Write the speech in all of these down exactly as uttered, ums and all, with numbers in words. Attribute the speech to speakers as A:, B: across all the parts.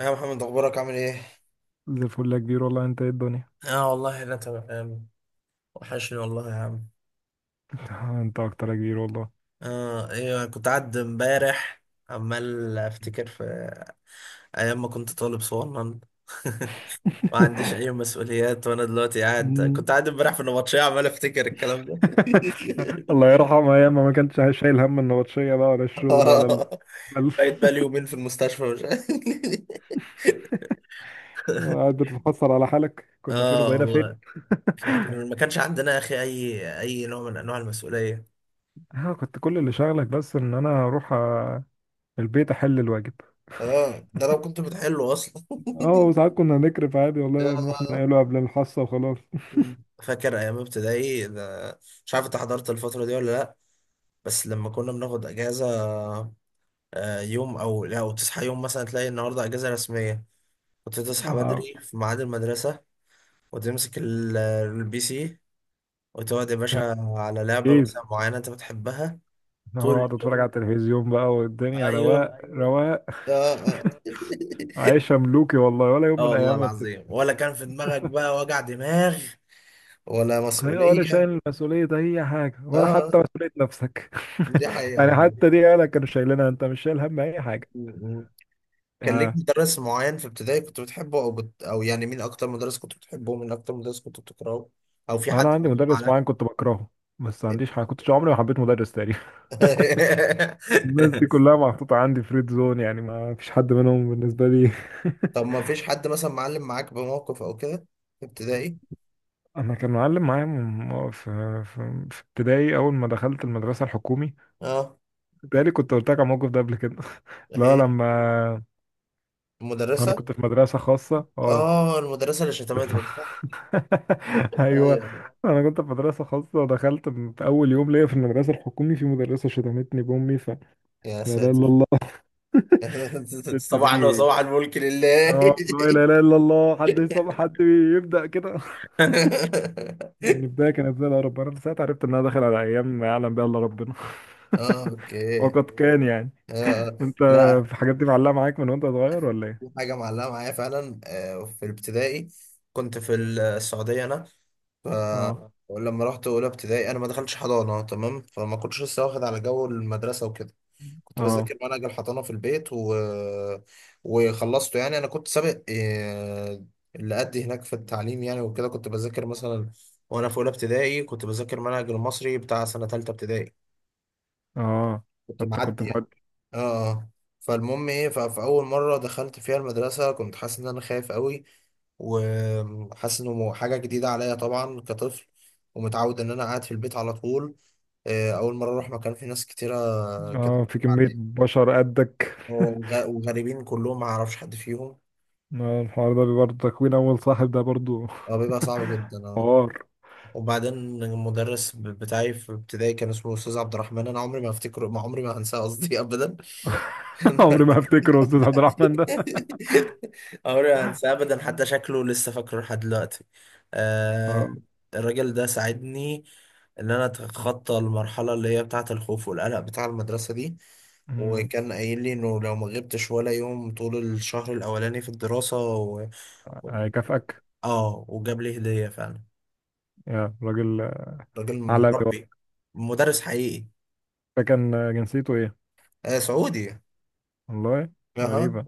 A: يا محمد اخبارك عامل ايه؟
B: زي الفل يا كبير والله، انت ايه الدنيا؟
A: اه والله انا تمام يا عم. وحشني والله يا عم.
B: انت اكتر يا كبير والله.
A: اه ايوه، كنت قاعد امبارح عمال افتكر في ايام ما كنت طالب صغنن ما عنديش اي مسؤوليات، وانا دلوقتي قاعد
B: مم.
A: كنت قاعد امبارح في النبطشيه عمال افتكر الكلام ده.
B: الله يرحمها، ياما ما كانتش شايل هم النبطشية بقى، ولا الشغل ولا ال...
A: آه،
B: بل...
A: بقيت بقالي يومين في المستشفى مش عارف.
B: قاعد بتتحسر على حالك، كنا فين
A: اه
B: وبقينا فين؟
A: والله. كان- ما كانش عندنا يا اخي اي اي نوع من انواع المسؤوليه.
B: اه، كنت كل اللي شغلك بس ان انا اروح آه، البيت، احل الواجب.
A: اه ده لو كنت حلو اصلا.
B: اه، وساعات كنا نكرف عادي والله، نروح
A: يا
B: ننقله قبل الحصة وخلاص.
A: مم. فاكر ايام ابتدائي ده- مش عارف انت حضرت الفتره دي ولا لا، بس لما كنا بناخد اجازه، آه، يوم او لا، وتصحى يوم مثلا تلاقي النهارده اجازه رسميه، كنت تصحى
B: اه،
A: بدري في ميعاد المدرسه وتمسك ال- البي سي وتقعد يا
B: يعني
A: باشا على لعبه مثلا
B: ايه؟
A: معينه انت بتحبها
B: اه،
A: طول
B: اقعد
A: اليوم.
B: اتفرج على التلفزيون بقى، والدنيا
A: ايوه،
B: رواق رواق.
A: اه اه.
B: عايشة ملوكي والله، ولا يوم
A: اه
B: من
A: والله
B: ايام.
A: العظيم، ولا كان في دماغك بقى وجع دماغ ولا
B: هي ولا
A: مسؤوليه.
B: شايل مسؤولية أي حاجة،
A: اه
B: ولا
A: آه.
B: حتى مسؤولية نفسك.
A: دي حقيقه.
B: يعني حتى دي أهلك كانوا شايلينها، أنت مش شايل هم أي حاجة.
A: والله، كان ليك
B: آه.
A: مدرس معين في ابتدائي كنت بتحبه او بت... او يعني مين اكتر مدرس كنت بتحبه ومين اكتر مدرس كنت بتكرهه؟ او في
B: أنا
A: حد
B: عندي
A: معلم
B: مدرس
A: معاك؟
B: معين كنت بكرهه، بس ما عنديش حاجة، كنتش عمري ما حبيت مدرس تاني. الناس دي كلها محطوطة عندي فريد زون، يعني ما فيش حد منهم بالنسبة لي.
A: طب ما فيش حد مثلا معلم معاك بموقف او كده في ابتدائي؟
B: أنا كان معلم معايا من- في في في ابتدائي، أول ما دخلت المدرسة الحكومي.
A: اه،
B: بتهيألي كنت قلت لك على الموقف ده قبل كده. لا،
A: هي
B: لما أنا
A: المدرسة.
B: كنت في مدرسة خاصة، اه.
A: اه، المدرسة اللي شتمتك، صح؟ ايوه
B: ايوه،
A: أيوة.
B: انا كنت في مدرسه خاصه، ودخلت في اول يوم ليا في المدرسه الحكومي في مدرسه شتمتني بامي ف لا
A: يا
B: اله الا
A: ساتر.
B: الله. الست
A: صباحا
B: دي،
A: وصباح الملك لله.
B: اه، لا اله الا الله. حد يصاب، حد يبدا كده. يعني بدايه كانت زي القرف، انا ساعتها عرفت ان انا داخل على ايام ما يعلم بها الا ربنا.
A: اه، اوكي.
B: وقد كان، يعني
A: آه.
B: انت
A: لا،
B: في الحاجات دي معلقه معاك من وانت صغير ولا
A: في
B: ايه؟
A: حاجة معلقة معايا فعلا، آه، في الابتدائي كنت في السعودية أنا. ف،
B: اه،
A: ولما رحت أولى ابتدائي أنا ما دخلتش حضانة تمام، فما كنتش لسه واخد على جو المدرسة وكده. كنت
B: اه،
A: بذاكر منهج الحضانة في البيت و... وخلصته يعني، أنا كنت سابق آه، اللي قد هناك في التعليم يعني. وكده كنت بذاكر مثلا، وأنا في أولى ابتدائي، كنت بذاكر منهج المصري بتاع سنة تالتة ابتدائي.
B: اه.
A: كنت
B: انت كنت
A: معدي يعني.
B: مودي.
A: اه آه. فالمهم ايه، ف- فاول مره دخلت فيها المدرسه كنت حاسس ان انا خايف قوي، وحاسس انه مو- حاجه جديده عليا طبعا كطفل، ومتعود ان انا قاعد في البيت على طول. آه، اول مره اروح مكان فيه ناس كتيره كده،
B: اه، في كميه بشر قدك.
A: وغ- وغريبين كلهم، ما اعرفش حد فيهم.
B: آه، الحوار ده برضه تكوين اول صاحب ده برضه.
A: اه بيبقى صعب جدا، اه.
B: حوار.
A: وبعدين المدرس ب- بتاعي في ابتدائي كان اسمه استاذ عبد الرحمن، انا عمري ما افتكره، ما عمري ما هنساه قصدي ابدا.
B: عمري ما هفتكره استاذ عبد الرحمن ده.
A: عمري ما هنساه ابدا، حتى شكله لسه فاكره لحد دلوقتي. آه، الراجل ده ساعدني ان انا اتخطى المرحله اللي هي بتاعه الخوف والقلق بتاع المدرسه دي.
B: مم.
A: وكان قايل لي انه لو ما غبتش ولا يوم طول الشهر الاولاني في الدراسه و...
B: هيكافئك.
A: اه، وجاب لي هديه فعلا.
B: يا راجل
A: راجل
B: عالمي
A: مربي،
B: والله.
A: مدرس حقيقي.
B: ده كان جنسيته ايه؟
A: آه، سعودي اها.
B: والله غريبة.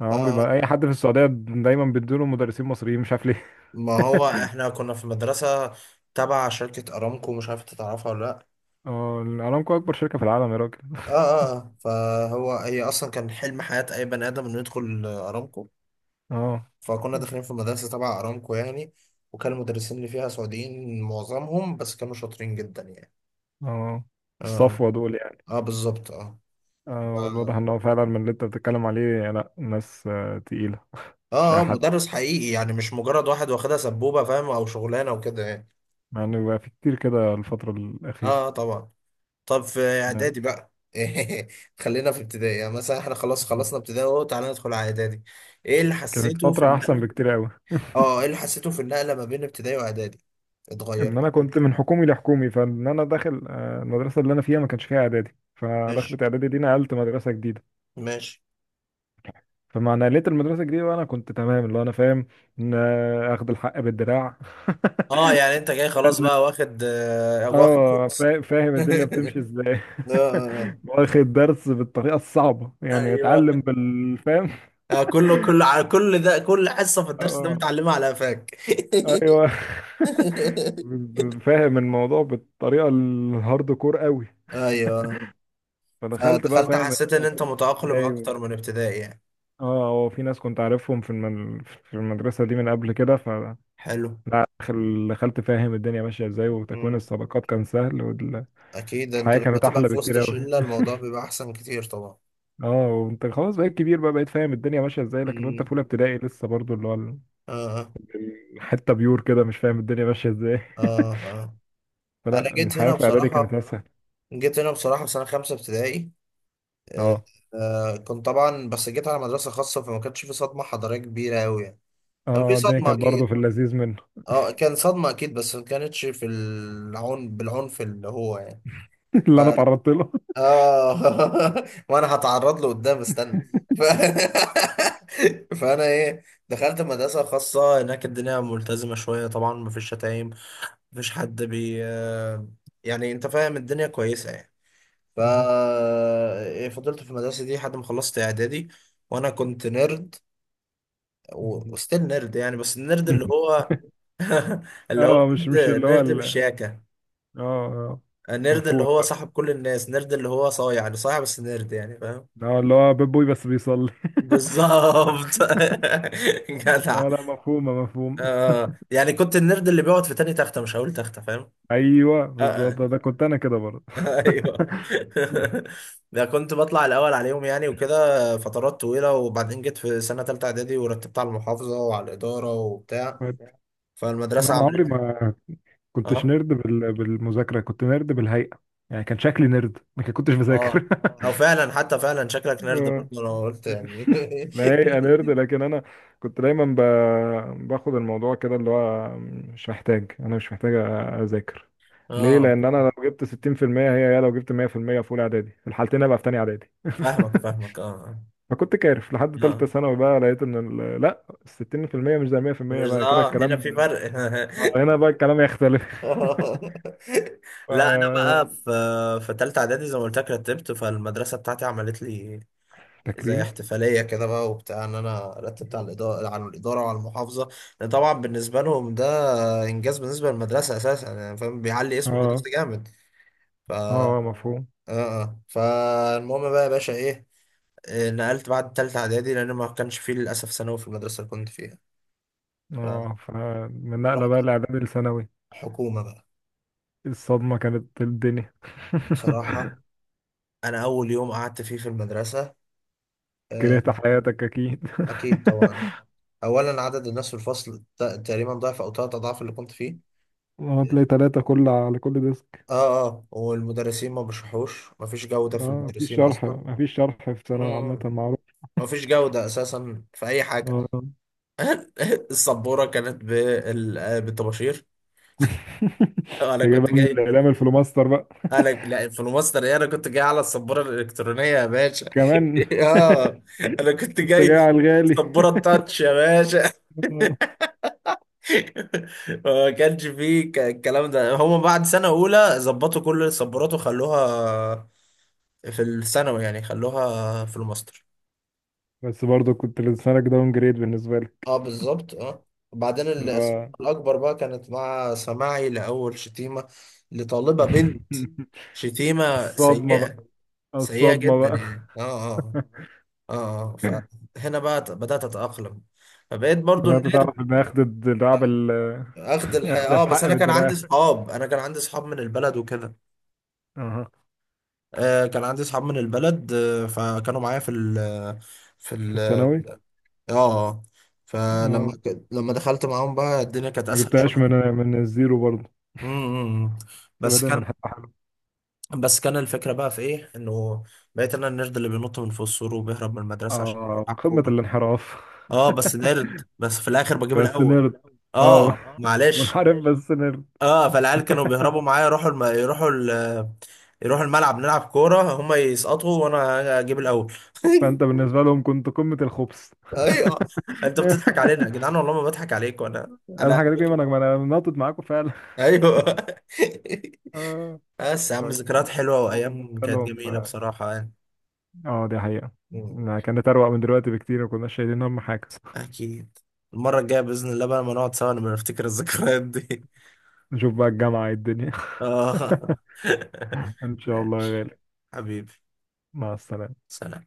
B: أنا
A: اه
B: عمري ما
A: آه.
B: اي حد في السعودية، دايما بيدوله مدرسين مصريين، مش عارف ليه.
A: ما هو احنا كنا في مدرسه تبع شركه ارامكو، مش عارف انت تعرفها ولا لا.
B: اه، ارامكو اكبر شركة في العالم يا راجل.
A: اه اه آه. فهو، هي اصلا كان حلم حياة اي بني ادم انه يدخل آه، ارامكو.
B: اه،
A: فكنا داخلين في مدرسة تبع ارامكو يعني، وكان المدرسين اللي فيها سعوديين معظمهم، بس كانوا شاطرين جدا يعني.
B: اه،
A: اه
B: الصفوة دول يعني.
A: اه اه بالظبط، اه
B: اه، الواضح
A: اه
B: ان هو فعلا من اللي انت بتتكلم عليه، لا ناس آه، تقيلة. مش
A: اه
B: اي
A: آه،
B: حد. آه.
A: مدرس حقيقي يعني، مش مجرد واحد واخدها سبوبة فاهم، او شغلانة وكده يعني.
B: مع انه بقى في كتير كده الفترة الأخيرة.
A: اه اه طبعا. طب في
B: نعم.
A: اعدادي بقى، خلينا في ابتدائي يعني، مثلا احنا خلاص خلصنا ابتدائي اهو، تعالى ندخل على اعدادي. ايه اللي
B: كانت
A: حسيته في
B: فترة أحسن
A: النقل؟
B: بكتير أوي.
A: اه، ايه اللي حسيته في النقلة ما بين ابتدائي واعدادي؟ اتغير
B: إن
A: يعني؟
B: أنا كنت من حكومي لحكومي، فإن أنا داخل آه، المدرسة اللي أنا فيها ما كانش فيها إعدادي،
A: ماشي،
B: فدخلت إعدادي دي نقلت مدرسة جديدة.
A: ماشي.
B: فمع نقلت المدرسة الجديدة وأنا كنت تمام، اللي هو أنا فاهم إن آه، آخد الحق بالدراع.
A: اه يعني انت جاي خلاص
B: إن-
A: بقى واخد، آه واخد
B: آه
A: كورس.
B: فا- فاهم الدنيا بتمشي إزاي.
A: آه.
B: واخد درس بالطريقة الصعبة، يعني متعلم
A: ايوه،
B: بالفهم.
A: آه كله، كله على كل ده كل حصه في الدرس ده
B: آه،
A: متعلمه على قفاك.
B: أيوه. فاهم الموضوع بالطريقة الهارد كور أوي.
A: ايوه،
B: فدخلت بقى
A: فدخلت
B: فاهم
A: حسيت ان
B: الدنيا
A: انت
B: بتمشي
A: متأقلم
B: ازاي و...
A: اكتر من ابتدائي يعني؟
B: اه، هو في ناس كنت عارفهم في المن... في المدرسة دي من قبل كده. ف
A: حلو.
B: لا، دخل- دخلت فاهم الدنيا ماشية ازاي، وتكوين
A: مم.
B: الصداقات كان سهل، والحياة
A: اكيد انت لما
B: كانت
A: تبقى
B: أحلى
A: في وسط
B: بكتير أوي.
A: شله الموضوع بيبقى احسن كتير طبعا.
B: اه، وانت خلاص بقيت كبير بقى، بقيت فاهم الدنيا ماشية ازاي، لكن وانت في
A: مم.
B: أولى ابتدائي لسه برضو اللي هو ال-
A: اه
B: الحتة بيور كده، مش فاهم الدنيا ماشية ازاي.
A: اه اه. انا
B: فلا،
A: جيت
B: الحياة
A: هنا
B: في إعدادي كانت
A: بصراحه،
B: أسهل.
A: جيت هنا بصراحه في سنه خمسه ابتدائي. آه،
B: اه،
A: آه، كنت طبعا، بس جيت على مدرسة خاصة فما كانش في صدمة حضارية كبيرة أوي يعني. كان في
B: اه، الدنيا
A: صدمة
B: كانت برضو
A: أكيد.
B: في اللذيذ منه.
A: اه كان صدمة أكيد، بس ما كانتش في العنف، بالعنف اللي هو يعني. ف،
B: اللي أنا اتعرضت له.
A: اه وأنا هتعرض له قدام استنى. ف، فأنا إيه، دخلت مدرسة خاصة هناك الدنيا ملتزمة شوية طبعا، مفيش شتايم، مفيش حد بي آه، يعني أنت فاهم الدنيا كويسة يعني. ف، فضلت في المدرسة دي لحد ما خلصت إعدادي. وأنا كنت نيرد، وستيل نيرد يعني. بس النيرد اللي هو، اللي هو
B: اه، مش
A: نيرد،
B: مش اللي هو
A: نيرد
B: ال-
A: بالشياكة.
B: اه، اه،
A: النيرد اللي
B: مفهوم
A: هو
B: بقى.
A: صاحب كل الناس، نيرد اللي هو صايع، اللي صايع بس نيرد يعني، فاهم؟
B: اه، اللي هو بيب بوي بس بيصلي.
A: بالظبط. جدع،
B: اه، لا، مفهومة، مفهوم.
A: آه يعني كنت النيرد اللي بيقعد في تاني تختة، مش هقول تختة فاهم.
B: ايوه
A: آه، آه.
B: بالظبط، ده كنت انا كده برضه.
A: ايوه. ده كنت بطلع الاول عليهم يعني وكده فترات طويله. وبعدين جيت في سنه ثالثه اعدادي ورتبت على المحافظه وعلى الاداره وبتاع.
B: كنت- لا،
A: فالمدرسه
B: انا
A: عملت،
B: عمري ما كنتش
A: اه
B: نرد بال... بالمذاكرة، كنت نرد بالهيئة. يعني كان شكلي نرد، ما كنتش
A: اه.
B: بذاكر.
A: او فعلا حتى فعلا شكلك نيرد
B: اه،
A: برضه، انا قلت يعني.
B: لا، هي نرد لكن انا كنت دايما ب... باخد الموضوع كده، اللي هو مش محتاج، انا مش محتاج اذاكر. ليه؟
A: اه،
B: لان انا لو جبت ستين في المية هي هي لو جبت مئة في المية في المية في اولى اعدادي، في الحالتين ابقى في تانية اعدادي.
A: فاهمك فاهمك اه.
B: فكنت كارف لحد تالتة
A: اه
B: ثانوي، بقى لقيت ان ال- لا، ال ستين في المية مش زي مية في المية،
A: مش
B: بقى كده
A: اه هنا
B: الكلام.
A: في فرق.
B: آه، هنا بقى الكلام يختلف.
A: لا انا
B: ف...
A: بقى في، في ثالثه اعدادي زي ما قلت لك رتبت، فالمدرسه بتاعتي عملت لي زي
B: تكريم.
A: احتفالية كده بقى وبتاع، ان انا رتبت على الإدارة، على الإدارة وعلى المحافظة. لأن طبعا بالنسبة لهم ده انجاز بالنسبة للمدرسة اساسا يعني، فاهم، بيعلي اسم
B: اه،
A: المدرسة جامد. ف اه
B: اه، مفهوم.
A: آه. فالمهم بقى يا باشا ايه، آه، نقلت بعد تالتة اعدادي لان ما كانش فيه للاسف ثانوي في المدرسة اللي كنت فيها.
B: اه، فمن نقلة
A: فرحت
B: بقى الاعدادي لثانوي،
A: حكومة بقى.
B: الصدمة كانت الدنيا.
A: بصراحة انا اول يوم قعدت فيه في المدرسة، آه،
B: كرهت حياتك اكيد.
A: اكيد طبعا. اولا عدد الناس في الفصل ت- تقريبا ضعف او ثلاث اضعاف اللي كنت فيه.
B: هتلاقي تلاتة كل على كل ديسك.
A: اه اه، والمدرسين ما بيشرحوش، مفيش جودة
B: اه،
A: في
B: مفيش
A: المدرسين
B: شرح،
A: أصلا.
B: مفيش شرح في ثانوي عامة،
A: مم.
B: معروف.
A: مفيش جودة أساسا في أي حاجة.
B: اه.
A: السبورة كانت بال- آه، بالطباشير.
B: انت
A: أنا كنت
B: جايبها من
A: جاي،
B: الاعلام الفلوماستر بقى؟
A: أنا لا، في الماستر إيه، أنا كنت جاي على السبورة الإلكترونية يا باشا.
B: كمان؟
A: اه أنا كنت
B: انت جاي
A: جاي،
B: على الغالي.
A: السبورة التاتش يا باشا.
B: آه.
A: ما كانش فيه ك- الكلام ده هما بعد سنة أولى ظبطوا كل السبورات وخلوها في الثانوي يعني، خلوها في الماستر.
B: بس برضه كنت لسانك داون جريد بالنسبة لك.
A: اه بالظبط اه. وبعدين
B: اللي
A: الصدمة
B: هو.
A: الأكبر بقى كانت مع سماعي لأول شتيمة لطالبة بنت. شتيمة
B: الصدمة
A: سيئة،
B: بقى،
A: سيئة
B: الصدمة
A: جدا
B: بقى.
A: يعني. اه اه اه اه. فهنا بقى ت- بدأت أتأقلم. فبقيت
B: ان
A: برضو
B: انت
A: النيرد،
B: تعرف ان اخد الدراع بال
A: أخد الحق.
B: اخد
A: اه بس
B: الحق
A: أنا كان عندي
B: بالدراع.
A: صحاب، أنا كان عندي صحاب من البلد وكده.
B: اها.
A: آه كان عندي صحاب من البلد، آه فكانوا معايا في ال في
B: في
A: ال
B: الثانوي.
A: اه آه. فلما
B: اه،
A: ك- لما دخلت معاهم بقى الدنيا كانت
B: ما
A: أسهل
B: جبتهاش من
A: شوية.
B: من الزيرو برضه،
A: امم، بس
B: بدأ
A: كان
B: من حته حلوه.
A: بس كان الفكرة بقى في ايه، انه بقيت انا النرد اللي بينط من فوق السور وبيهرب من المدرسة عشان
B: اه،
A: يلعب
B: قمة
A: كورة.
B: الانحراف.
A: اه بس نرد، بس في الاخر بجيب
B: بس
A: الاول.
B: نرد. اه.
A: اه
B: اه،
A: معلش
B: منحرف بس نرد.
A: اه. فالعيال كانوا بيهربوا معايا، يروحوا الم... يروحوا ال... يروحوا الملعب نلعب كورة، هما يسقطوا وانا اجيب الاول.
B: فانت بالنسبه لهم كنت قمه الخبث.
A: ايوه، انت بتضحك علينا يا جدعان، والله ما بضحك عليك وانا،
B: انا،
A: انا،
B: حاجه دي، ما انا ما انا ناطط معاكم فعلا.
A: ايوه.
B: آه،
A: بس يا عم
B: فكان
A: ذكريات حلوة
B: الموضوع
A: وايام
B: بالنسبه
A: كانت
B: لهم،
A: جميلة بصراحة
B: اه، دي حقيقه،
A: يعني.
B: ما كانت اروق من دلوقتي بكتير، وكنا شايلين هم حاجه.
A: أكيد، المرة الجاية بإذن الله بقى لما نقعد سوا نبقى نفتكر الذكريات دي.
B: نشوف بقى الجامعه إيه الدنيا.
A: آه.
B: ان شاء الله يا
A: ماشي.
B: غالي.
A: حبيبي،
B: مع السلامه.
A: سلام.